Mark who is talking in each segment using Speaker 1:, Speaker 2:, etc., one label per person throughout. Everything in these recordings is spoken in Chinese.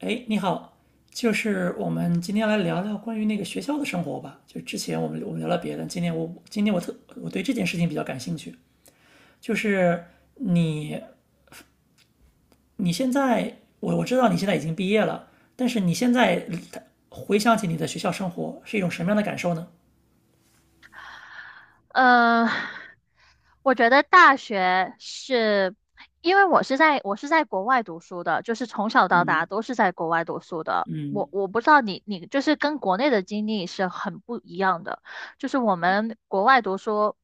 Speaker 1: 哎，你好，就是我们今天来聊聊关于那个学校的生活吧。就之前我们聊了别的，今天我对这件事情比较感兴趣。就是你你现在，我知道你现在已经毕业了，但是你现在回想起你的学校生活是一种什么样的感受呢？
Speaker 2: 呃，我觉得大学是，因为我是在国外读书的，就是从小到大都是在国外读书的。我不知道你就是跟国内的经历是很不一样的，就是我们国外读书，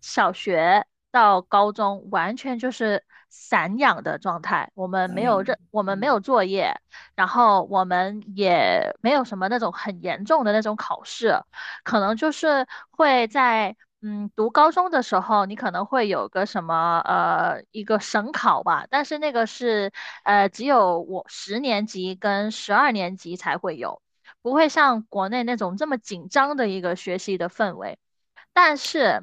Speaker 2: 小学到高中完全就是散养的状态，
Speaker 1: 咋样？
Speaker 2: 我们没有作业，然后我们也没有什么那种很严重的那种考试。可能就是会在读高中的时候，你可能会有个什么一个省考吧，但是那个是只有我10年级跟12年级才会有，不会像国内那种这么紧张的一个学习的氛围。但是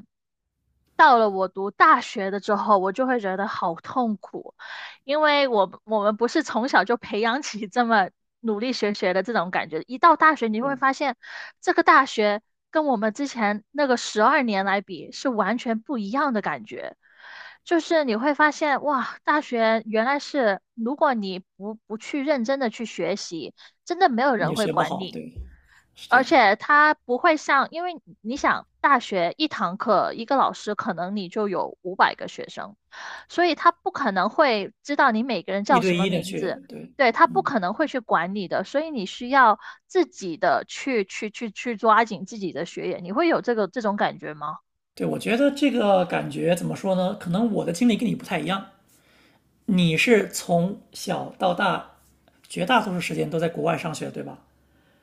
Speaker 2: 到了我读大学的之后，我就会觉得好痛苦，因为我们不是从小就培养起这么努力学的这种感觉，一到大学你会发现，这个大学跟我们之前那个十二年来比是完全不一样的感觉。就是你会发现，哇，大学原来是，如果你不去认真的去学习，真的没有
Speaker 1: 你
Speaker 2: 人
Speaker 1: 也
Speaker 2: 会
Speaker 1: 学不
Speaker 2: 管
Speaker 1: 好，
Speaker 2: 你。
Speaker 1: 对，是这
Speaker 2: 而
Speaker 1: 样的，
Speaker 2: 且他不会像，因为你想，大学一堂课一个老师可能你就有500个学生，所以他不可能会知道你每个人
Speaker 1: 一
Speaker 2: 叫
Speaker 1: 对
Speaker 2: 什么
Speaker 1: 一的
Speaker 2: 名
Speaker 1: 去，
Speaker 2: 字，
Speaker 1: 对，
Speaker 2: 对，他不
Speaker 1: 嗯，
Speaker 2: 可能会去管你的，所以你需要自己的去抓紧自己的学业，你会有这种感觉吗？
Speaker 1: 对，我觉得这个感觉怎么说呢？可能我的经历跟你不太一样。你是从小到大，绝大多数时间都在国外上学，对吧？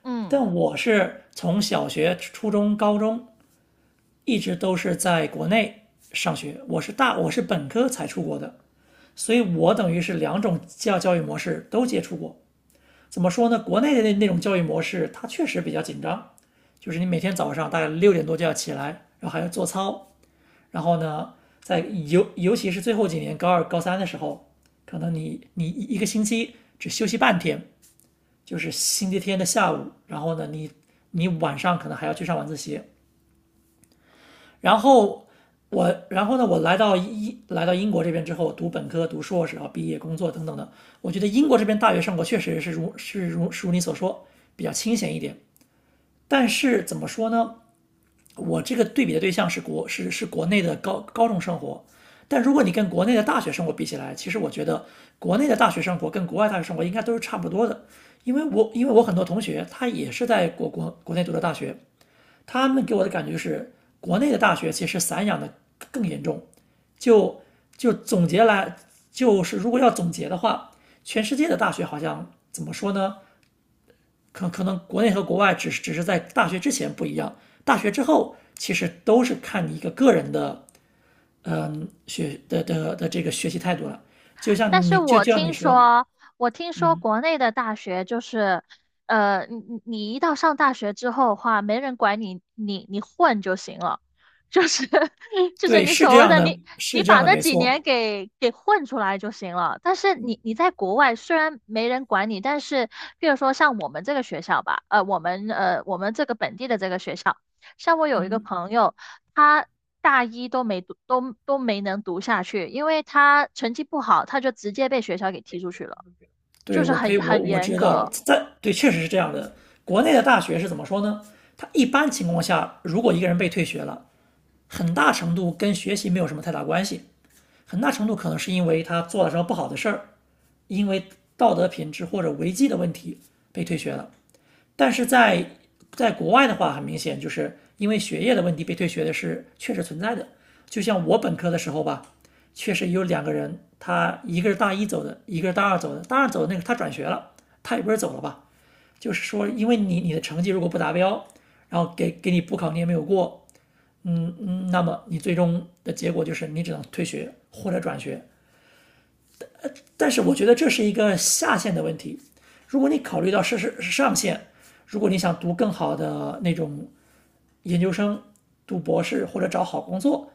Speaker 2: 嗯。
Speaker 1: 但我是从小学、初中、高中一直都是在国内上学，我是本科才出国的，所以我等于是两种教育模式都接触过。怎么说呢？国内的那种教育模式，它确实比较紧张，就是你每天早上大概六点多就要起来，然后还要做操，然后呢，在尤其是最后几年高二、高三的时候，可能你一个星期只休息半天，就是星期天的下午，然后呢，你你晚上可能还要去上晚自习，然后。我，然后呢，我来到英国这边之后，读本科、读硕士，然后毕业、工作等等的。我觉得英国这边大学生活确实是如你所说，比较清闲一点。但是怎么说呢？我这个对比的对象是国是是国内的高中生活，但如果你跟国内的大学生活比起来，其实我觉得国内的大学生活跟国外大学生活应该都是差不多的，因为我很多同学他也是在国内读的大学，他们给我的感觉是国内的大学其实散养的更严重，就就总结来就是如果要总结的话，全世界的大学好像怎么说呢？可能国内和国外只是在大学之前不一样，大学之后其实都是看你一个个人的态度了。就
Speaker 2: 但
Speaker 1: 像
Speaker 2: 是我
Speaker 1: 就像你
Speaker 2: 听
Speaker 1: 说，
Speaker 2: 说，我听说国内的大学就是，你一到上大学之后的话，没人管你，你混就行了，就是 就是
Speaker 1: 对，
Speaker 2: 你
Speaker 1: 是
Speaker 2: 所
Speaker 1: 这
Speaker 2: 谓
Speaker 1: 样
Speaker 2: 的
Speaker 1: 的，
Speaker 2: 你
Speaker 1: 是这样
Speaker 2: 把
Speaker 1: 的，
Speaker 2: 那
Speaker 1: 没
Speaker 2: 几
Speaker 1: 错。
Speaker 2: 年给混出来就行了。但是你在国外虽然没人管你，但是比如说像我们这个学校吧，我们这个本地的这个学校。像我有一个
Speaker 1: 嗯，
Speaker 2: 朋友，他大一都没读，都没能读下去，因为他成绩不好，他就直接被学校给踢出去了，就
Speaker 1: 对，
Speaker 2: 是
Speaker 1: 我可
Speaker 2: 很
Speaker 1: 以，我
Speaker 2: 很
Speaker 1: 我
Speaker 2: 严
Speaker 1: 知道了，
Speaker 2: 格。
Speaker 1: 在对，确实是这样的。国内的大学是怎么说呢？他一般情况下，如果一个人被退学了，很大程度跟学习没有什么太大关系，很大程度可能是因为他做了什么不好的事儿，因为道德品质或者违纪的问题被退学了。但是在国外的话，很明显就是因为学业的问题被退学的是确实存在的。就像我本科的时候吧，确实有两个人，他一个是大一走的，一个是大二走的。大二走的那个他转学了，他也不是走了吧，就是说因为你的成绩如果不达标，然后给你补考你也没有过，嗯嗯，那么你最终的结果就是你只能退学或者转学。但是我觉得这是一个下限的问题。如果你考虑到是上限，如果你想读更好的那种研究生、读博士或者找好工作，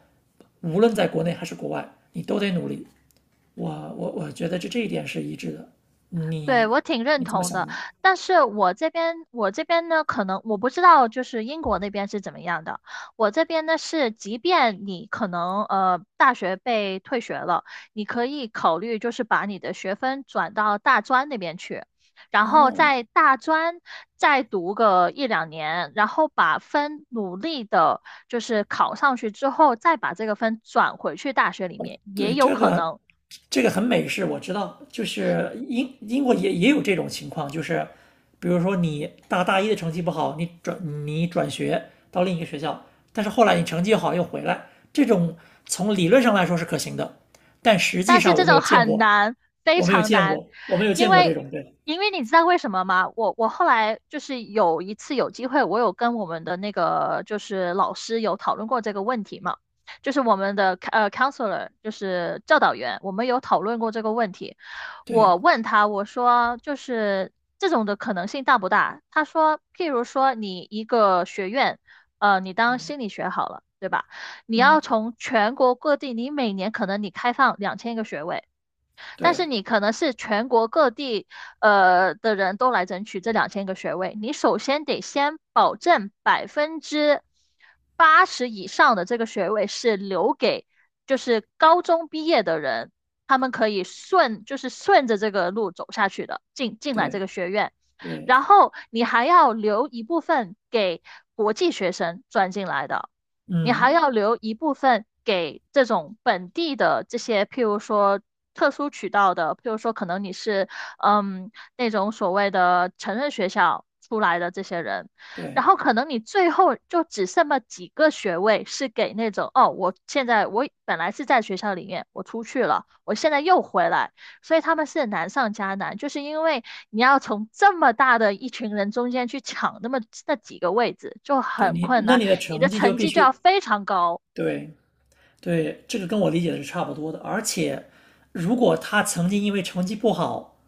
Speaker 1: 无论在国内还是国外，你都得努力。我我觉得这一点是一致的。
Speaker 2: 对，
Speaker 1: 你
Speaker 2: 我挺认
Speaker 1: 你怎么
Speaker 2: 同
Speaker 1: 想
Speaker 2: 的，
Speaker 1: 呢？
Speaker 2: 但是我这边呢，可能我不知道就是英国那边是怎么样的。我这边呢是，即便你可能大学被退学了，你可以考虑就是把你的学分转到大专那边去，然后
Speaker 1: 哦，
Speaker 2: 在大专再读个1两年，然后把分努力的就是考上去之后，再把这个分转回去大学里面，也
Speaker 1: 对，
Speaker 2: 有
Speaker 1: 这
Speaker 2: 可
Speaker 1: 个
Speaker 2: 能。
Speaker 1: 这个很美式，我知道，就是英国也也有这种情况，就是比如说你大一的成绩不好，你转学到另一个学校，但是后来你成绩好又回来，这种从理论上来说是可行的，但实际
Speaker 2: 但是
Speaker 1: 上我
Speaker 2: 这
Speaker 1: 没有
Speaker 2: 种
Speaker 1: 见
Speaker 2: 很
Speaker 1: 过，
Speaker 2: 难，非
Speaker 1: 我没有
Speaker 2: 常
Speaker 1: 见
Speaker 2: 难，
Speaker 1: 过，我没有
Speaker 2: 因
Speaker 1: 见过这
Speaker 2: 为
Speaker 1: 种，对
Speaker 2: 你知道为什么吗？我后来就是有一次有机会，我有跟我们的那个就是老师有讨论过这个问题嘛，就是我们的counselor 就是教导员，我们有讨论过这个问题。我
Speaker 1: 对，
Speaker 2: 问他，我说这种的可能性大不大？他说，譬如说你一个学院，你当心理学好了，对吧？你要
Speaker 1: 嗯，
Speaker 2: 从全国各地，你每年可能你开放两千个学位。但是
Speaker 1: 对
Speaker 2: 你可能是全国各地的人都来争取这两千个学位，你首先得先保证80%以上的这个学位是留给就是高中毕业的人，他们可以顺就是顺着这个路走下去的，进来这
Speaker 1: 对
Speaker 2: 个学院，
Speaker 1: 对，
Speaker 2: 然后你还要留一部分给国际学生转进来的。你还要
Speaker 1: 嗯，
Speaker 2: 留一部分给这种本地的这些，譬如说特殊渠道的，譬如说可能你是那种所谓的成人学校出来的这些人，然
Speaker 1: 对
Speaker 2: 后可能你最后就只剩了几个学位是给那种哦，我本来是在学校里面，我出去了，我现在又回来，所以他们是难上加难，就是因为你要从这么大的一群人中间去抢那几个位置，就
Speaker 1: 对，
Speaker 2: 很
Speaker 1: 你
Speaker 2: 困
Speaker 1: 那
Speaker 2: 难。
Speaker 1: 你的
Speaker 2: 你的
Speaker 1: 成绩就
Speaker 2: 成
Speaker 1: 必
Speaker 2: 绩就要
Speaker 1: 须
Speaker 2: 非常高，
Speaker 1: 对对，这个跟我理解的是差不多的。而且，如果他曾经因为成绩不好，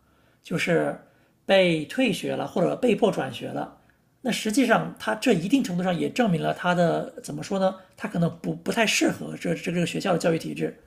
Speaker 1: 就是被退学了或者被迫转学了，那实际上他这一定程度上也证明了他的怎么说呢？他可能不太适合这个学校的教育体制，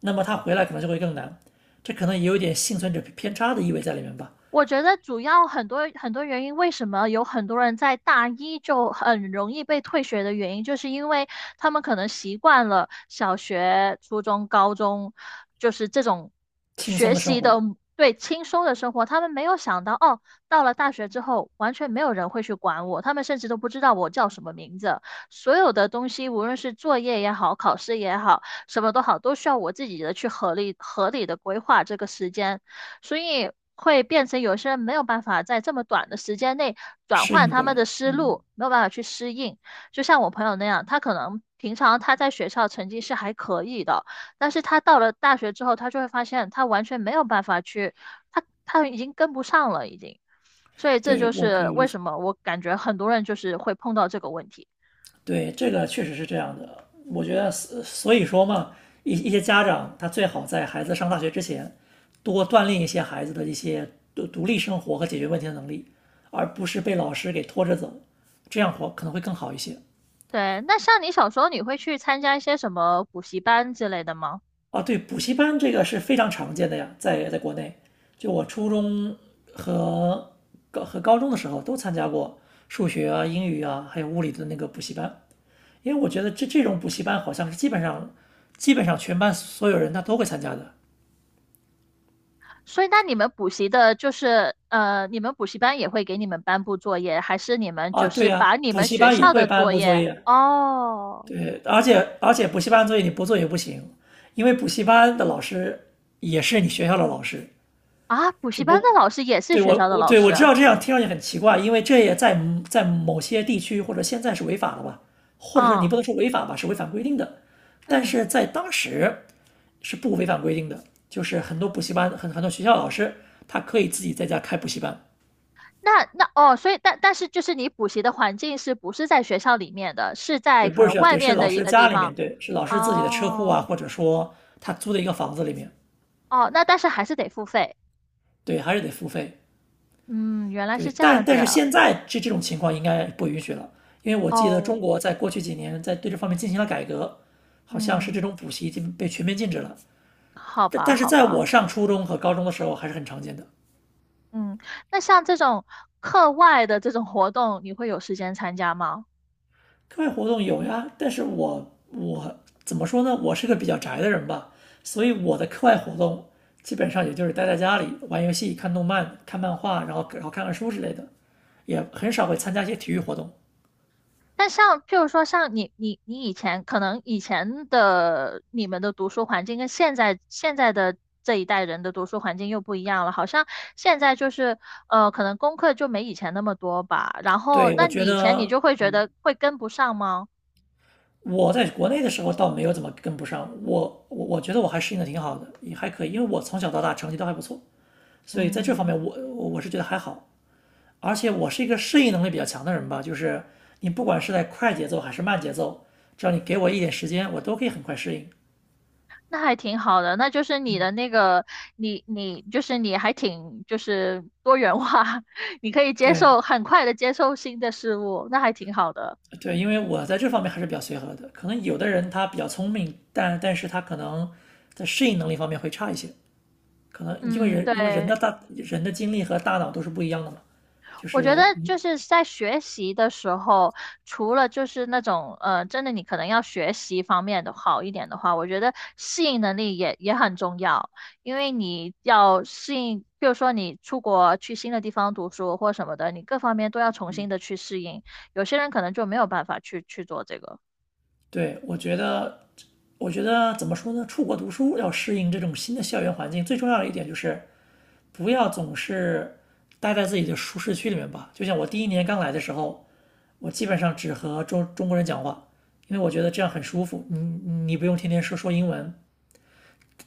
Speaker 1: 那么他回来可能就会更难。这可能也有点幸存者偏差的意味在里面吧，
Speaker 2: 我觉得主要很多原因，为什么有很多人在大一就很容易被退学的原因，就是因为他们可能习惯了小学、初中、高中，就是这种
Speaker 1: 轻松
Speaker 2: 学
Speaker 1: 的生
Speaker 2: 习
Speaker 1: 活
Speaker 2: 的对轻松的生活，他们没有想到哦，到了大学之后，完全没有人会去管我，他们甚至都不知道我叫什么名字，所有的东西，无论是作业也好，考试也好，什么都好，都需要我自己的去合理的规划这个时间。所以会变成有些人没有办法在这么短的时间内转
Speaker 1: 适
Speaker 2: 换
Speaker 1: 应
Speaker 2: 他
Speaker 1: 过
Speaker 2: 们
Speaker 1: 来。
Speaker 2: 的思
Speaker 1: 嗯，
Speaker 2: 路，没有办法去适应。就像我朋友那样，他可能平常他在学校成绩是还可以的，但是他到了大学之后，他就会发现他完全没有办法去，他已经跟不上了，已经。所以这就
Speaker 1: 对，我可
Speaker 2: 是
Speaker 1: 以
Speaker 2: 为
Speaker 1: 理解。
Speaker 2: 什么我感觉很多人就是会碰到这个问题。
Speaker 1: 对，这个确实是这样的。我觉得，所以说嘛，一些家长他最好在孩子上大学之前，多锻炼一些孩子的一些独立生活和解决问题的能力，而不是被老师给拖着走，这样活可能会更好一些。
Speaker 2: 对，那像你小时候，你会去参加一些什么补习班之类的吗？
Speaker 1: 啊，对，补习班这个是非常常见的呀，在在国内，就我初中和高和高中的时候都参加过数学啊、英语啊，还有物理的那个补习班。因为我觉得这种补习班好像是基本上全班所有人他都会参加的
Speaker 2: 所以，那你们补习的，就是你们补习班也会给你们颁布作业，还是你们
Speaker 1: 啊。
Speaker 2: 就
Speaker 1: 对
Speaker 2: 是
Speaker 1: 呀、
Speaker 2: 把你
Speaker 1: 补
Speaker 2: 们
Speaker 1: 习
Speaker 2: 学
Speaker 1: 班也
Speaker 2: 校
Speaker 1: 会
Speaker 2: 的
Speaker 1: 颁
Speaker 2: 作
Speaker 1: 布作
Speaker 2: 业？
Speaker 1: 业，
Speaker 2: 哦，
Speaker 1: 对，而且补习班作业你不做也不行，因为补习班的老师也是你学校的老师，
Speaker 2: 啊，补
Speaker 1: 只
Speaker 2: 习班的
Speaker 1: 不，
Speaker 2: 老师也是
Speaker 1: 对
Speaker 2: 学校
Speaker 1: 我
Speaker 2: 的
Speaker 1: 我
Speaker 2: 老
Speaker 1: 对
Speaker 2: 师
Speaker 1: 我知
Speaker 2: 啊，
Speaker 1: 道这样听上去很奇怪，因为这也在某些地区或者现在是违法的吧，或者说你
Speaker 2: 哦，
Speaker 1: 不能说违法吧，是违反规定的，但
Speaker 2: 嗯，
Speaker 1: 是在当时是不违反规定的，就是很多补习班很多学校老师他可以自己在家开补习班，
Speaker 2: 哦，所以但是就是你补习的环境是不是在学校里面的，是在
Speaker 1: 对，不
Speaker 2: 可
Speaker 1: 是学
Speaker 2: 能
Speaker 1: 校，
Speaker 2: 外
Speaker 1: 对，是
Speaker 2: 面
Speaker 1: 老
Speaker 2: 的一
Speaker 1: 师
Speaker 2: 个地
Speaker 1: 家里
Speaker 2: 方？
Speaker 1: 面，对，是老师自己的车库啊，
Speaker 2: 哦，
Speaker 1: 或者说他租的一个房子里面，
Speaker 2: 哦，那但是还是得付费。
Speaker 1: 对，还是得付费。
Speaker 2: 嗯，原来是
Speaker 1: 对，
Speaker 2: 这
Speaker 1: 但
Speaker 2: 样子。
Speaker 1: 但是现在这种情况应该不允许了，因为我记得中
Speaker 2: 哦，
Speaker 1: 国在过去几年在对这方面进行了改革，好像是这
Speaker 2: 嗯，
Speaker 1: 种补习已经被全面禁止了。
Speaker 2: 好
Speaker 1: 但
Speaker 2: 吧，
Speaker 1: 但是
Speaker 2: 好
Speaker 1: 在我
Speaker 2: 吧。
Speaker 1: 上初中和高中的时候还是很常见的。
Speaker 2: 嗯，那像这种课外的这种活动，你会有时间参加吗？
Speaker 1: 课外活动有呀，但是我怎么说呢？我是个比较宅的人吧，所以我的课外活动基本上也就是待在家里玩游戏、看动漫、看漫画，然后看看书之类的，也很少会参加一些体育活动。
Speaker 2: 但像譬如说，像你以前可能以前的你们的读书环境跟现在的这一代人的读书环境又不一样了，好像现在就是可能功课就没以前那么多吧。然后，
Speaker 1: 对，我
Speaker 2: 那
Speaker 1: 觉
Speaker 2: 你以前你
Speaker 1: 得
Speaker 2: 就会觉得会跟不上吗？
Speaker 1: 我在国内的时候倒没有怎么跟不上，我觉得我还适应的挺好的，也还可以，因为我从小到大成绩都还不错，所以在这方
Speaker 2: 嗯，
Speaker 1: 面我是觉得还好。而且我是一个适应能力比较强的人吧，就是你不管是在快节奏还是慢节奏，只要你给我一点时间，我都可以很快适应。
Speaker 2: 那还挺好的，那就是你的那个，就是你还挺就是多元化，你可以接受
Speaker 1: 对
Speaker 2: 很快的接受新的事物，那还挺好的。
Speaker 1: 对，因为我在这方面还是比较随和的，可能有的人他比较聪明，但是他可能在适应能力方面会差一些，可能因为
Speaker 2: 嗯，
Speaker 1: 人因为人的
Speaker 2: 对，
Speaker 1: 人的精力和大脑都是不一样的嘛，就
Speaker 2: 我觉得
Speaker 1: 是
Speaker 2: 就是在学习的时候，除了就是那种真的你可能要学习方面的好一点的话，我觉得适应能力也很重要，因为你要适应，比如说你出国去新的地方读书或什么的，你各方面都要重新的去适应。有些人可能就没有办法去做这个。
Speaker 1: 对，我觉得，我觉得怎么说呢？出国读书要适应这种新的校园环境，最重要的一点就是不要总是待在自己的舒适区里面吧。就像我第一年刚来的时候，我基本上只和中国人讲话，因为我觉得这样很舒服。你不用天天说英文，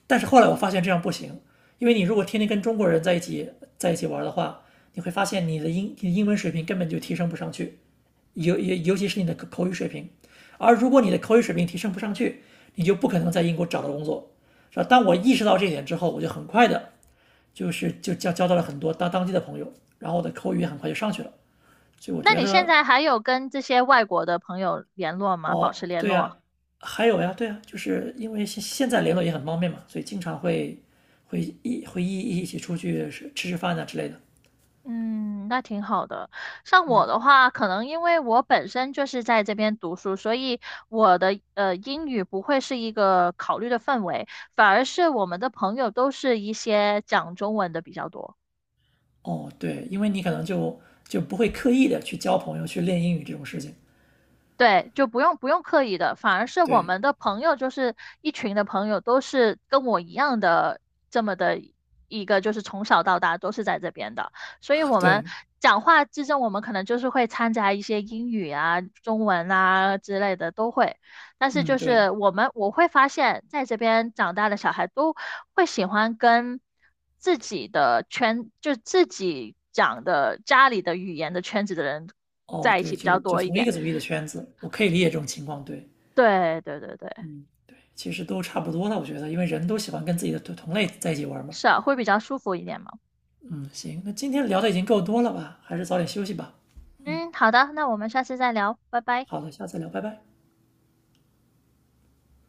Speaker 1: 但是后来我发现这样不行，因为你如果天天跟中国人在一起玩的话，你会发现你的英文水平根本就提升不上去，尤其是你的口语水平。而如果你的口语水平提升不上去，你就不可能在英国找到工作，是吧？当我意识到这一点之后，我就很快的，就是就交到了很多当地的朋友，然后我的口语很快就上去了。所以我
Speaker 2: 那
Speaker 1: 觉
Speaker 2: 你现
Speaker 1: 得
Speaker 2: 在还有跟这些外国的朋友联络吗？保持
Speaker 1: 哦，
Speaker 2: 联
Speaker 1: 对呀，
Speaker 2: 络？
Speaker 1: 还有呀，对呀，就是因为现在联络也很方便嘛，所以经常会一起出去吃饭啊之类的。
Speaker 2: 嗯，那挺好的。像我的话，可能因为我本身就是在这边读书，所以我的英语不会是一个考虑的范围，反而是我们的朋友都是一些讲中文的比较多。
Speaker 1: 哦，对，因为你可能就就不会刻意的去交朋友、去练英语这种事情。
Speaker 2: 对，就不用刻意的，反而是我
Speaker 1: 对，
Speaker 2: 们的朋友，就是一群的朋友，都是跟我一样的这么的一个，就是从小到大都是在这边的，所以我们
Speaker 1: 对，
Speaker 2: 讲话之中，我们可能就是会掺杂一些英语啊、中文啊之类的都会，但是
Speaker 1: 嗯，
Speaker 2: 就
Speaker 1: 对，
Speaker 2: 是我会发现，在这边长大的小孩都会喜欢跟自己的圈，就自己讲的家里的语言的圈子的人
Speaker 1: 哦，
Speaker 2: 在一
Speaker 1: 对，
Speaker 2: 起比
Speaker 1: 就
Speaker 2: 较
Speaker 1: 就
Speaker 2: 多一
Speaker 1: 同一
Speaker 2: 点。
Speaker 1: 个族裔的圈子，我可以理解这种情况。对，
Speaker 2: 对对对对，
Speaker 1: 嗯，对，其实都差不多了，我觉得，因为人都喜欢跟自己的同类在一起玩嘛。
Speaker 2: 是啊，会比较舒服一点嘛。
Speaker 1: 嗯，行，那今天聊的已经够多了吧？还是早点休息吧。
Speaker 2: 嗯，好的，那我们下次再聊，拜拜。
Speaker 1: 好的，下次聊，拜拜。